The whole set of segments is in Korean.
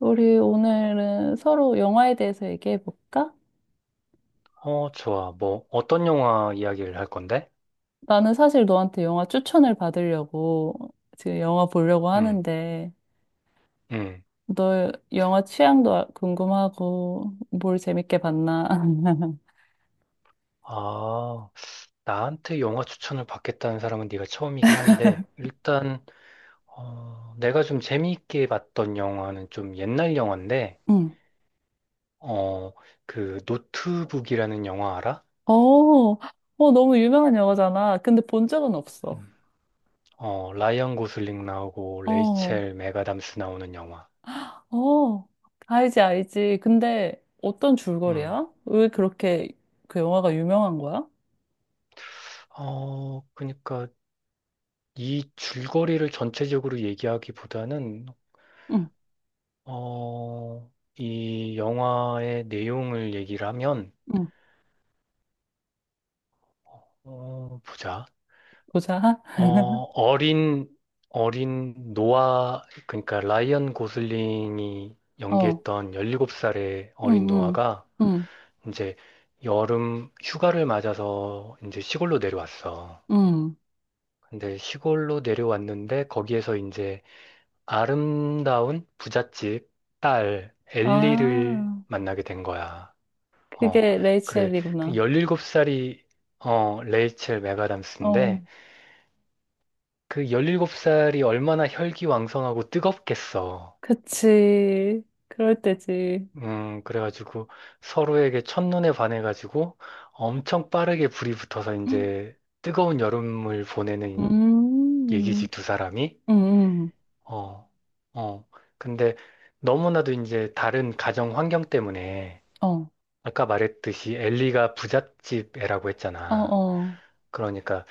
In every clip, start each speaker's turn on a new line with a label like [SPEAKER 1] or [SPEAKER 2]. [SPEAKER 1] 우리 오늘은 서로 영화에 대해서 얘기해 볼까?
[SPEAKER 2] 어, 좋아. 뭐, 어떤 영화 이야기를 할 건데?
[SPEAKER 1] 나는 사실 너한테 영화 추천을 받으려고 지금 영화 보려고
[SPEAKER 2] 응,
[SPEAKER 1] 하는데,
[SPEAKER 2] 응.
[SPEAKER 1] 너 영화 취향도 궁금하고, 뭘 재밌게 봤나?
[SPEAKER 2] 아, 나한테 영화 추천을 받겠다는 사람은 네가 처음이긴 한데, 일단, 내가 좀 재미있게 봤던 영화는 좀 옛날 영화인데,
[SPEAKER 1] 응.
[SPEAKER 2] 어, 그, 노트북이라는 영화 알아?
[SPEAKER 1] 어, 어, 너무 유명한 영화잖아. 근데 본 적은 없어.
[SPEAKER 2] 음. 라이언 고슬링 나오고,
[SPEAKER 1] 어,
[SPEAKER 2] 레이첼 맥아담스 나오는 영화.
[SPEAKER 1] 어, 알지, 알지. 근데 어떤
[SPEAKER 2] 음.
[SPEAKER 1] 줄거리야? 왜 그렇게 그 영화가 유명한 거야?
[SPEAKER 2] 그니까, 러이 줄거리를 전체적으로 얘기하기보다는
[SPEAKER 1] 응,
[SPEAKER 2] 어, 이 영화의 내용을 얘기를 하면,
[SPEAKER 1] 응,
[SPEAKER 2] 보자.
[SPEAKER 1] 보자.
[SPEAKER 2] 어, 어린, 어린 노아, 그러니까 라이언 고슬링이
[SPEAKER 1] 어,
[SPEAKER 2] 연기했던 17살의 어린
[SPEAKER 1] 응, 응,
[SPEAKER 2] 노아가
[SPEAKER 1] 응.
[SPEAKER 2] 이제 여름 휴가를 맞아서 이제 시골로 내려왔어.
[SPEAKER 1] 음.
[SPEAKER 2] 근데 시골로 내려왔는데 거기에서 이제 아름다운 부잣집 딸 엘리를
[SPEAKER 1] 아,
[SPEAKER 2] 만나게 된 거야. 어,
[SPEAKER 1] 그게
[SPEAKER 2] 그래. 그
[SPEAKER 1] 레이첼이구나.
[SPEAKER 2] 17살이, 레이첼
[SPEAKER 1] 어,
[SPEAKER 2] 맥아담스인데, 그 17살이 얼마나 혈기왕성하고 뜨겁겠어.
[SPEAKER 1] 그치. 그럴 때지.
[SPEAKER 2] 그래가지고 서로에게 첫눈에 반해가지고 엄청 빠르게 불이 붙어서
[SPEAKER 1] 음,
[SPEAKER 2] 이제 뜨거운 여름을 보내는 얘기지,
[SPEAKER 1] 음,
[SPEAKER 2] 두 사람이.
[SPEAKER 1] 음.
[SPEAKER 2] 어, 어. 근데 너무나도 이제 다른 가정 환경 때문에,
[SPEAKER 1] 어,
[SPEAKER 2] 아까 말했듯이 엘리가 부잣집 애라고
[SPEAKER 1] 어,
[SPEAKER 2] 했잖아.
[SPEAKER 1] 어.
[SPEAKER 2] 그러니까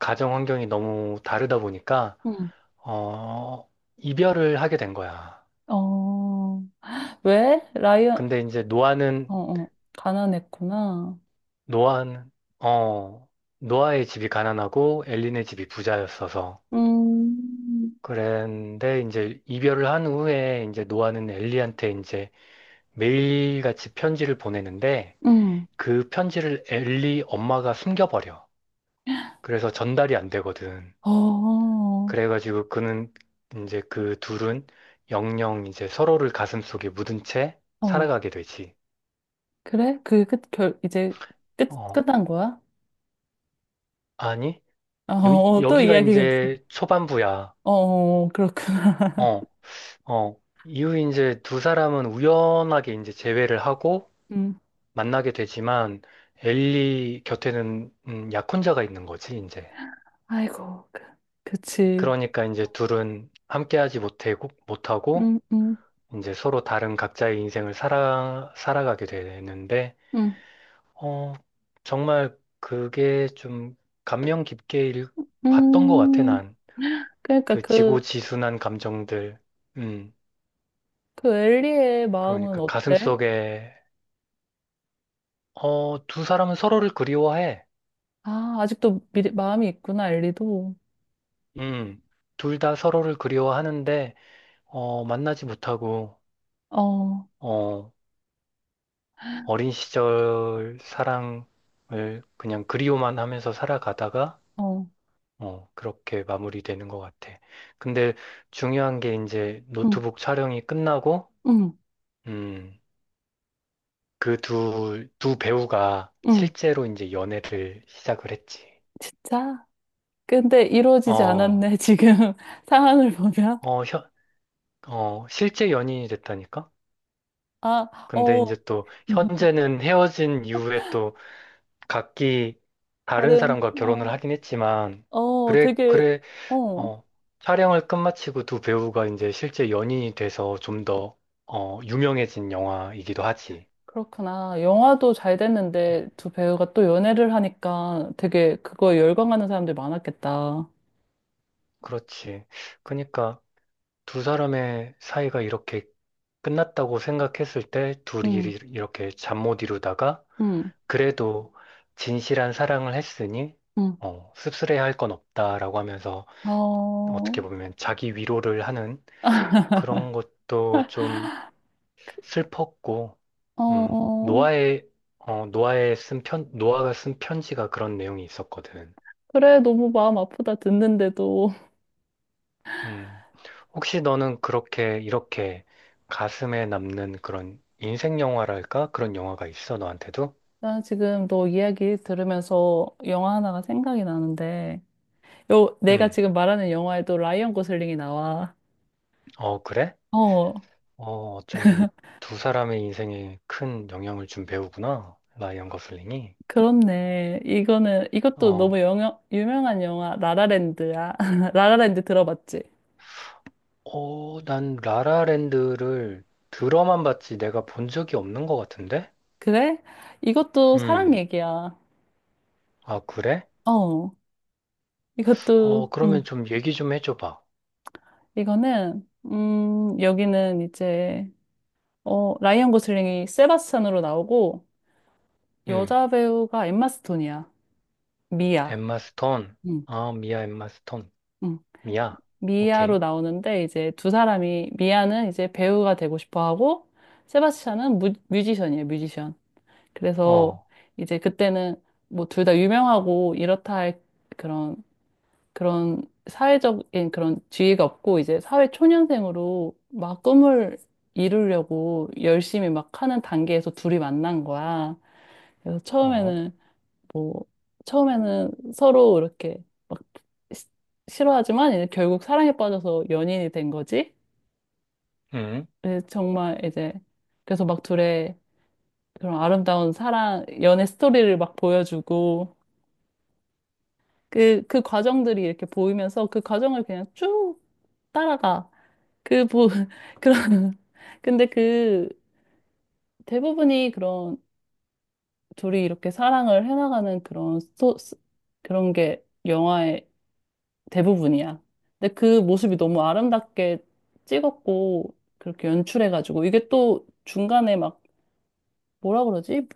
[SPEAKER 2] 가정 환경이 너무 다르다 보니까
[SPEAKER 1] 음.
[SPEAKER 2] 어 이별을 하게 된 거야.
[SPEAKER 1] 어. 왜? 라이언,
[SPEAKER 2] 근데 이제 노아는
[SPEAKER 1] 어, 어. 가난했구나.
[SPEAKER 2] 노아는 어 노아의 집이 가난하고 엘린의 집이 부자였어서,
[SPEAKER 1] 음,
[SPEAKER 2] 그런데 이제 이별을 한 후에 이제 노아는 엘리한테 이제 매일같이 편지를 보내는데
[SPEAKER 1] 음.
[SPEAKER 2] 그 편지를 엘리 엄마가 숨겨버려. 그래서 전달이 안 되거든.
[SPEAKER 1] 어,
[SPEAKER 2] 그래가지고 그는 이제 그 둘은 영영 이제 서로를 가슴속에 묻은 채
[SPEAKER 1] 어.
[SPEAKER 2] 살아가게 되지.
[SPEAKER 1] 그래? 이제 끝,
[SPEAKER 2] 어,
[SPEAKER 1] 끝난 거야?
[SPEAKER 2] 아니,
[SPEAKER 1] 어,
[SPEAKER 2] 여,
[SPEAKER 1] 어, 또
[SPEAKER 2] 여기가
[SPEAKER 1] 이야기가 있어.
[SPEAKER 2] 이제 초반부야.
[SPEAKER 1] 어, 어, 어. 그렇구나.
[SPEAKER 2] 어, 어. 이후 이제 두 사람은 우연하게 이제 재회를 하고
[SPEAKER 1] 음.
[SPEAKER 2] 만나게 되지만 엘리 곁에는 약혼자가 있는 거지, 이제.
[SPEAKER 1] 아이고, 그치.
[SPEAKER 2] 그러니까 이제 둘은 함께하지 못하고
[SPEAKER 1] 음, 음,
[SPEAKER 2] 이제 서로 다른 각자의 인생을 살아가게 되는데,
[SPEAKER 1] 음,
[SPEAKER 2] 어, 정말 그게 좀 감명 깊게 봤던 것 같아,
[SPEAKER 1] 음.
[SPEAKER 2] 난.
[SPEAKER 1] 그러니까
[SPEAKER 2] 그
[SPEAKER 1] 그,
[SPEAKER 2] 지고지순한 감정들. 음,
[SPEAKER 1] 그 엘리의 마음은
[SPEAKER 2] 그러니까
[SPEAKER 1] 어때?
[SPEAKER 2] 가슴속에, 두 사람은 서로를 그리워해.
[SPEAKER 1] 아, 아직도 마음이 있구나, 엘리도.
[SPEAKER 2] 음, 둘 다 서로를 그리워하는데, 만나지 못하고,
[SPEAKER 1] 어,
[SPEAKER 2] 어, 어린 시절 사랑을 그냥 그리워만 하면서 살아가다가,
[SPEAKER 1] 어,
[SPEAKER 2] 그렇게 마무리되는 것 같아. 근데 중요한 게, 이제
[SPEAKER 1] 응,
[SPEAKER 2] 노트북 촬영이 끝나고,
[SPEAKER 1] 응,
[SPEAKER 2] 음, 그 두 배우가
[SPEAKER 1] 응.
[SPEAKER 2] 실제로 이제 연애를 시작을 했지.
[SPEAKER 1] 진짜? 근데 이루어지지
[SPEAKER 2] 어,
[SPEAKER 1] 않았네, 지금 상황을 보면.
[SPEAKER 2] 어, 현, 실제 연인이 됐다니까?
[SPEAKER 1] 아,
[SPEAKER 2] 근데
[SPEAKER 1] 어,
[SPEAKER 2] 이제 또 현재는 헤어진 이후에 또 각기 다른
[SPEAKER 1] 다른,
[SPEAKER 2] 사람과
[SPEAKER 1] 어,
[SPEAKER 2] 결혼을 하긴 했지만,
[SPEAKER 1] 어,
[SPEAKER 2] 그래,
[SPEAKER 1] 되게,
[SPEAKER 2] 그래,
[SPEAKER 1] 어,
[SPEAKER 2] 어, 촬영을 끝마치고 두 배우가 이제 실제 연인이 돼서 좀 더, 유명해진 영화이기도 하지.
[SPEAKER 1] 그렇구나. 영화도 잘 됐는데 두 배우가 또 연애를 하니까 되게 그거 열광하는 사람들이 많았겠다.
[SPEAKER 2] 그렇지. 그러니까 두 사람의 사이가 이렇게 끝났다고 생각했을 때 둘이
[SPEAKER 1] 응,
[SPEAKER 2] 이렇게 잠 못 이루다가,
[SPEAKER 1] 응,
[SPEAKER 2] 그래도 진실한 사랑을 했으니
[SPEAKER 1] 응.
[SPEAKER 2] 씁쓸해 할 건 없다라고 하면서 어떻게
[SPEAKER 1] 어,
[SPEAKER 2] 보면 자기 위로를 하는 그런 것도 좀 슬펐고,
[SPEAKER 1] 어,
[SPEAKER 2] 노아의 어, 노아의 쓴 편, 노아가 쓴 편지가 그런 내용이 있었거든.
[SPEAKER 1] 그래, 너무 마음 아프다 듣는데도.
[SPEAKER 2] 음. 혹시 너는 그렇게 이렇게 가슴에 남는 그런 인생 영화랄까, 그런 영화가 있어, 너한테도?
[SPEAKER 1] 나 지금 너 이야기 들으면서 영화 하나가 생각이 나는데, 내가
[SPEAKER 2] 음.
[SPEAKER 1] 지금 말하는 영화에도 라이언 고슬링이 나와.
[SPEAKER 2] 어, 그래?
[SPEAKER 1] 어,
[SPEAKER 2] 어쩌면 두 사람의 인생에 큰 영향을 준 배우구나. 라이언 거슬링이.
[SPEAKER 1] 그렇네. 이것도
[SPEAKER 2] 어.
[SPEAKER 1] 너무 유명한 영화, 라라랜드야. 라라랜드 들어봤지?
[SPEAKER 2] 난 라라랜드를 들어만 봤지 내가 본 적이 없는 것 같은데?
[SPEAKER 1] 그래? 이것도 사랑
[SPEAKER 2] 음.
[SPEAKER 1] 얘기야.
[SPEAKER 2] 아, 그래?
[SPEAKER 1] 어, 이것도,
[SPEAKER 2] 그러면
[SPEAKER 1] 음,
[SPEAKER 2] 좀 얘기 좀 해줘 봐.
[SPEAKER 1] 여기는 이제, 라이언 고슬링이 세바스찬으로 나오고
[SPEAKER 2] 음.
[SPEAKER 1] 여자 배우가 엠마 스톤이야. 미아.
[SPEAKER 2] 엠마 스톤.
[SPEAKER 1] 응.
[SPEAKER 2] 아, 미아 엠마 스톤.
[SPEAKER 1] 응.
[SPEAKER 2] 미아.
[SPEAKER 1] 미아로
[SPEAKER 2] 오케이.
[SPEAKER 1] 나오는데 이제 두 사람이 미아는 이제 배우가 되고 싶어 하고 세바스찬은 뮤지션이에요, 뮤지션. 그래서
[SPEAKER 2] 어.
[SPEAKER 1] 이제 그때는 뭐 둘 다 유명하고 이렇다 할 그런 그런 사회적인 그런 지위가 없고 이제 사회 초년생으로 막 꿈을 이루려고 열심히 막 하는 단계에서 둘이 만난 거야. 그래서
[SPEAKER 2] 어?
[SPEAKER 1] 뭐 처음에는 서로 이렇게 막 시- 싫어하지만 이제 결국 사랑에 빠져서 연인이 된 거지.
[SPEAKER 2] 응,
[SPEAKER 1] 예, 정말 이제 그래서 막 둘의 그런 아름다운 사랑 연애 스토리를 막 보여주고 그 과정들이 이렇게 보이면서 그 과정을 그냥 쭉 따라가 그 보 그런 근데 그 대부분이 그런 둘이 이렇게 사랑을 해나가는 그런 게 영화에 대부분이야. 근데 그 모습이 너무 아름답게 찍었고, 그렇게 연출해가지고, 이게 또 중간에 막, 뭐라 그러지?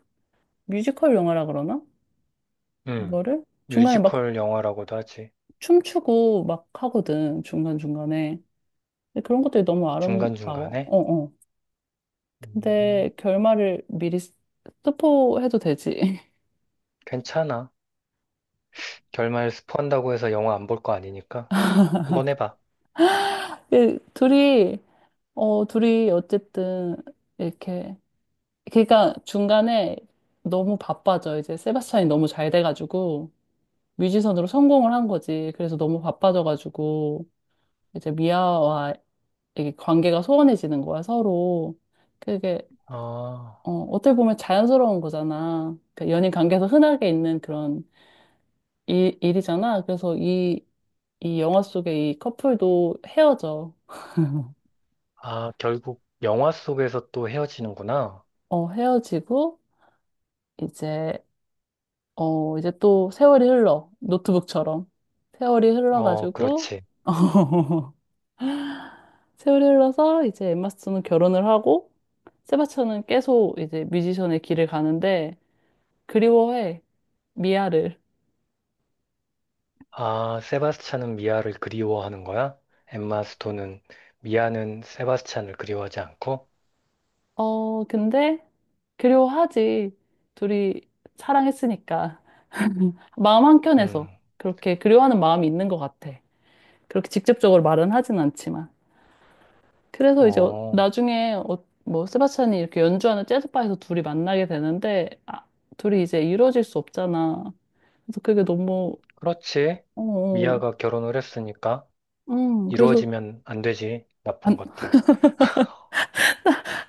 [SPEAKER 1] 뮤지컬 영화라 그러나?
[SPEAKER 2] 응.
[SPEAKER 1] 이거를? 중간에 막
[SPEAKER 2] 뮤지컬 영화라고도 하지.
[SPEAKER 1] 춤추고 막 하거든, 중간중간에. 근데 그런 것들이 너무 아름다워.
[SPEAKER 2] 중간중간에?
[SPEAKER 1] 어, 어.
[SPEAKER 2] 음,
[SPEAKER 1] 근데 결말을 미리 스포해도 되지.
[SPEAKER 2] 괜찮아. 결말 스포한다고 해서 영화 안 볼 거 아니니까. 한번 해봐.
[SPEAKER 1] 그 둘이, 둘이 어쨌든, 이렇게, 그러니까 중간에 너무 바빠져. 이제 세바스찬이 너무 잘 돼가지고. 뮤지션으로 성공을 한 거지. 그래서 너무 바빠져가지고 이제 미아와 이게 관계가 소원해지는 거야, 서로. 그게
[SPEAKER 2] 아,
[SPEAKER 1] 어떻게 보면 자연스러운 거잖아. 그러니까 연인 관계에서 흔하게 있는 그런 일이잖아. 그래서 이 영화 속의 이 커플도 헤어져.
[SPEAKER 2] 아, 결국 영화 속에서 또 헤어지는구나.
[SPEAKER 1] 헤어지고 이제 이제 또 세월이 흘러. 노트북처럼. 세월이
[SPEAKER 2] 어,
[SPEAKER 1] 흘러가지고
[SPEAKER 2] 그렇지.
[SPEAKER 1] 세월이 흘러서 이제 엠마 스톤은 결혼을 하고 세바스찬은 계속 이제 뮤지션의 길을 가는데 그리워해 미아를.
[SPEAKER 2] 아, 세바스찬은 미아를 그리워하는 거야? 엠마 스톤은, 미아는 세바스찬을 그리워하지 않고?
[SPEAKER 1] 근데 그리워하지 둘이 사랑했으니까 마음
[SPEAKER 2] 음.
[SPEAKER 1] 한켠에서 그렇게 그리워하는 마음이 있는 것 같아. 그렇게 직접적으로 말은 하진 않지만 그래서 이제
[SPEAKER 2] 어,
[SPEAKER 1] 나중에 뭐 세바스찬이 이렇게 연주하는 재즈바에서 둘이 만나게 되는데 아, 둘이 이제 이루어질 수 없잖아. 그래서 그게 너무
[SPEAKER 2] 그렇지.
[SPEAKER 1] 어, 어.
[SPEAKER 2] 미아가 결혼을 했으니까
[SPEAKER 1] 그래서
[SPEAKER 2] 이루어지면 안 되지. 나쁜
[SPEAKER 1] 안,
[SPEAKER 2] 것들.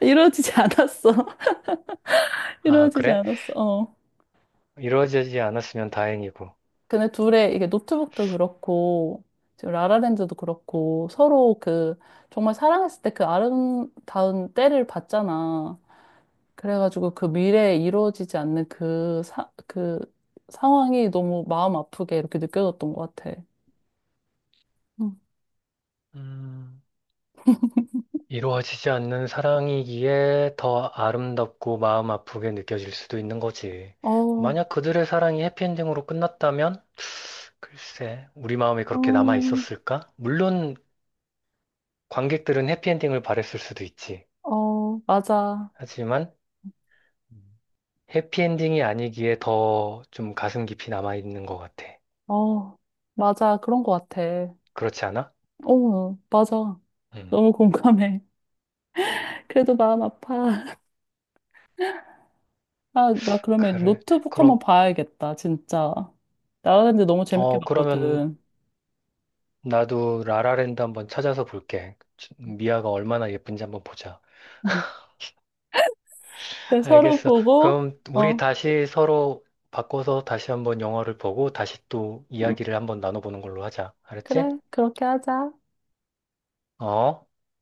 [SPEAKER 1] 이루어지지 않았어.
[SPEAKER 2] 아,
[SPEAKER 1] 이루어지지
[SPEAKER 2] 그래?
[SPEAKER 1] 않았어. 어.
[SPEAKER 2] 이루어지지 않았으면 다행이고.
[SPEAKER 1] 근데 둘의 이게 노트북도 그렇고 지금 라라랜드도 그렇고 서로 그 정말 사랑했을 때 그 아름다운 때를 봤잖아. 그래가지고 그 미래에 이루어지지 않는 그 상황이 너무 마음 아프게 이렇게 느껴졌던 것 같아. 응.
[SPEAKER 2] 음, 이루어지지 않는 사랑이기에 더 아름답고 마음 아프게 느껴질 수도 있는 거지.
[SPEAKER 1] 어,
[SPEAKER 2] 만약 그들의 사랑이 해피엔딩으로 끝났다면, 글쎄, 우리 마음에 그렇게 남아
[SPEAKER 1] 음,
[SPEAKER 2] 있었을까? 물론 관객들은 해피엔딩을 바랬을 수도 있지.
[SPEAKER 1] 어, 맞아.
[SPEAKER 2] 하지만 해피엔딩이 아니기에 더 좀 가슴 깊이 남아 있는 것 같아.
[SPEAKER 1] 어, 맞아. 그런 것 같아.
[SPEAKER 2] 그렇지 않아?
[SPEAKER 1] 어, 맞아.
[SPEAKER 2] 음,
[SPEAKER 1] 너무 공감해. 그래도 마음 아파. 아, 나 그러면
[SPEAKER 2] 그래.
[SPEAKER 1] 노트북 한번
[SPEAKER 2] 그럼,
[SPEAKER 1] 봐야겠다, 진짜. 나라랜드 너무 재밌게
[SPEAKER 2] 그러면
[SPEAKER 1] 봤거든.
[SPEAKER 2] 나도 라라랜드 한번 찾아서 볼게. 미아가 얼마나 예쁜지 한번 보자.
[SPEAKER 1] 근데 서로
[SPEAKER 2] 알겠어.
[SPEAKER 1] 보고,
[SPEAKER 2] 그럼 우리
[SPEAKER 1] 어,
[SPEAKER 2] 다시 서로 바꿔서 다시 한번 영화를 보고 다시 또
[SPEAKER 1] 응,
[SPEAKER 2] 이야기를 한번 나눠보는 걸로 하자.
[SPEAKER 1] 그래.
[SPEAKER 2] 알았지? 어?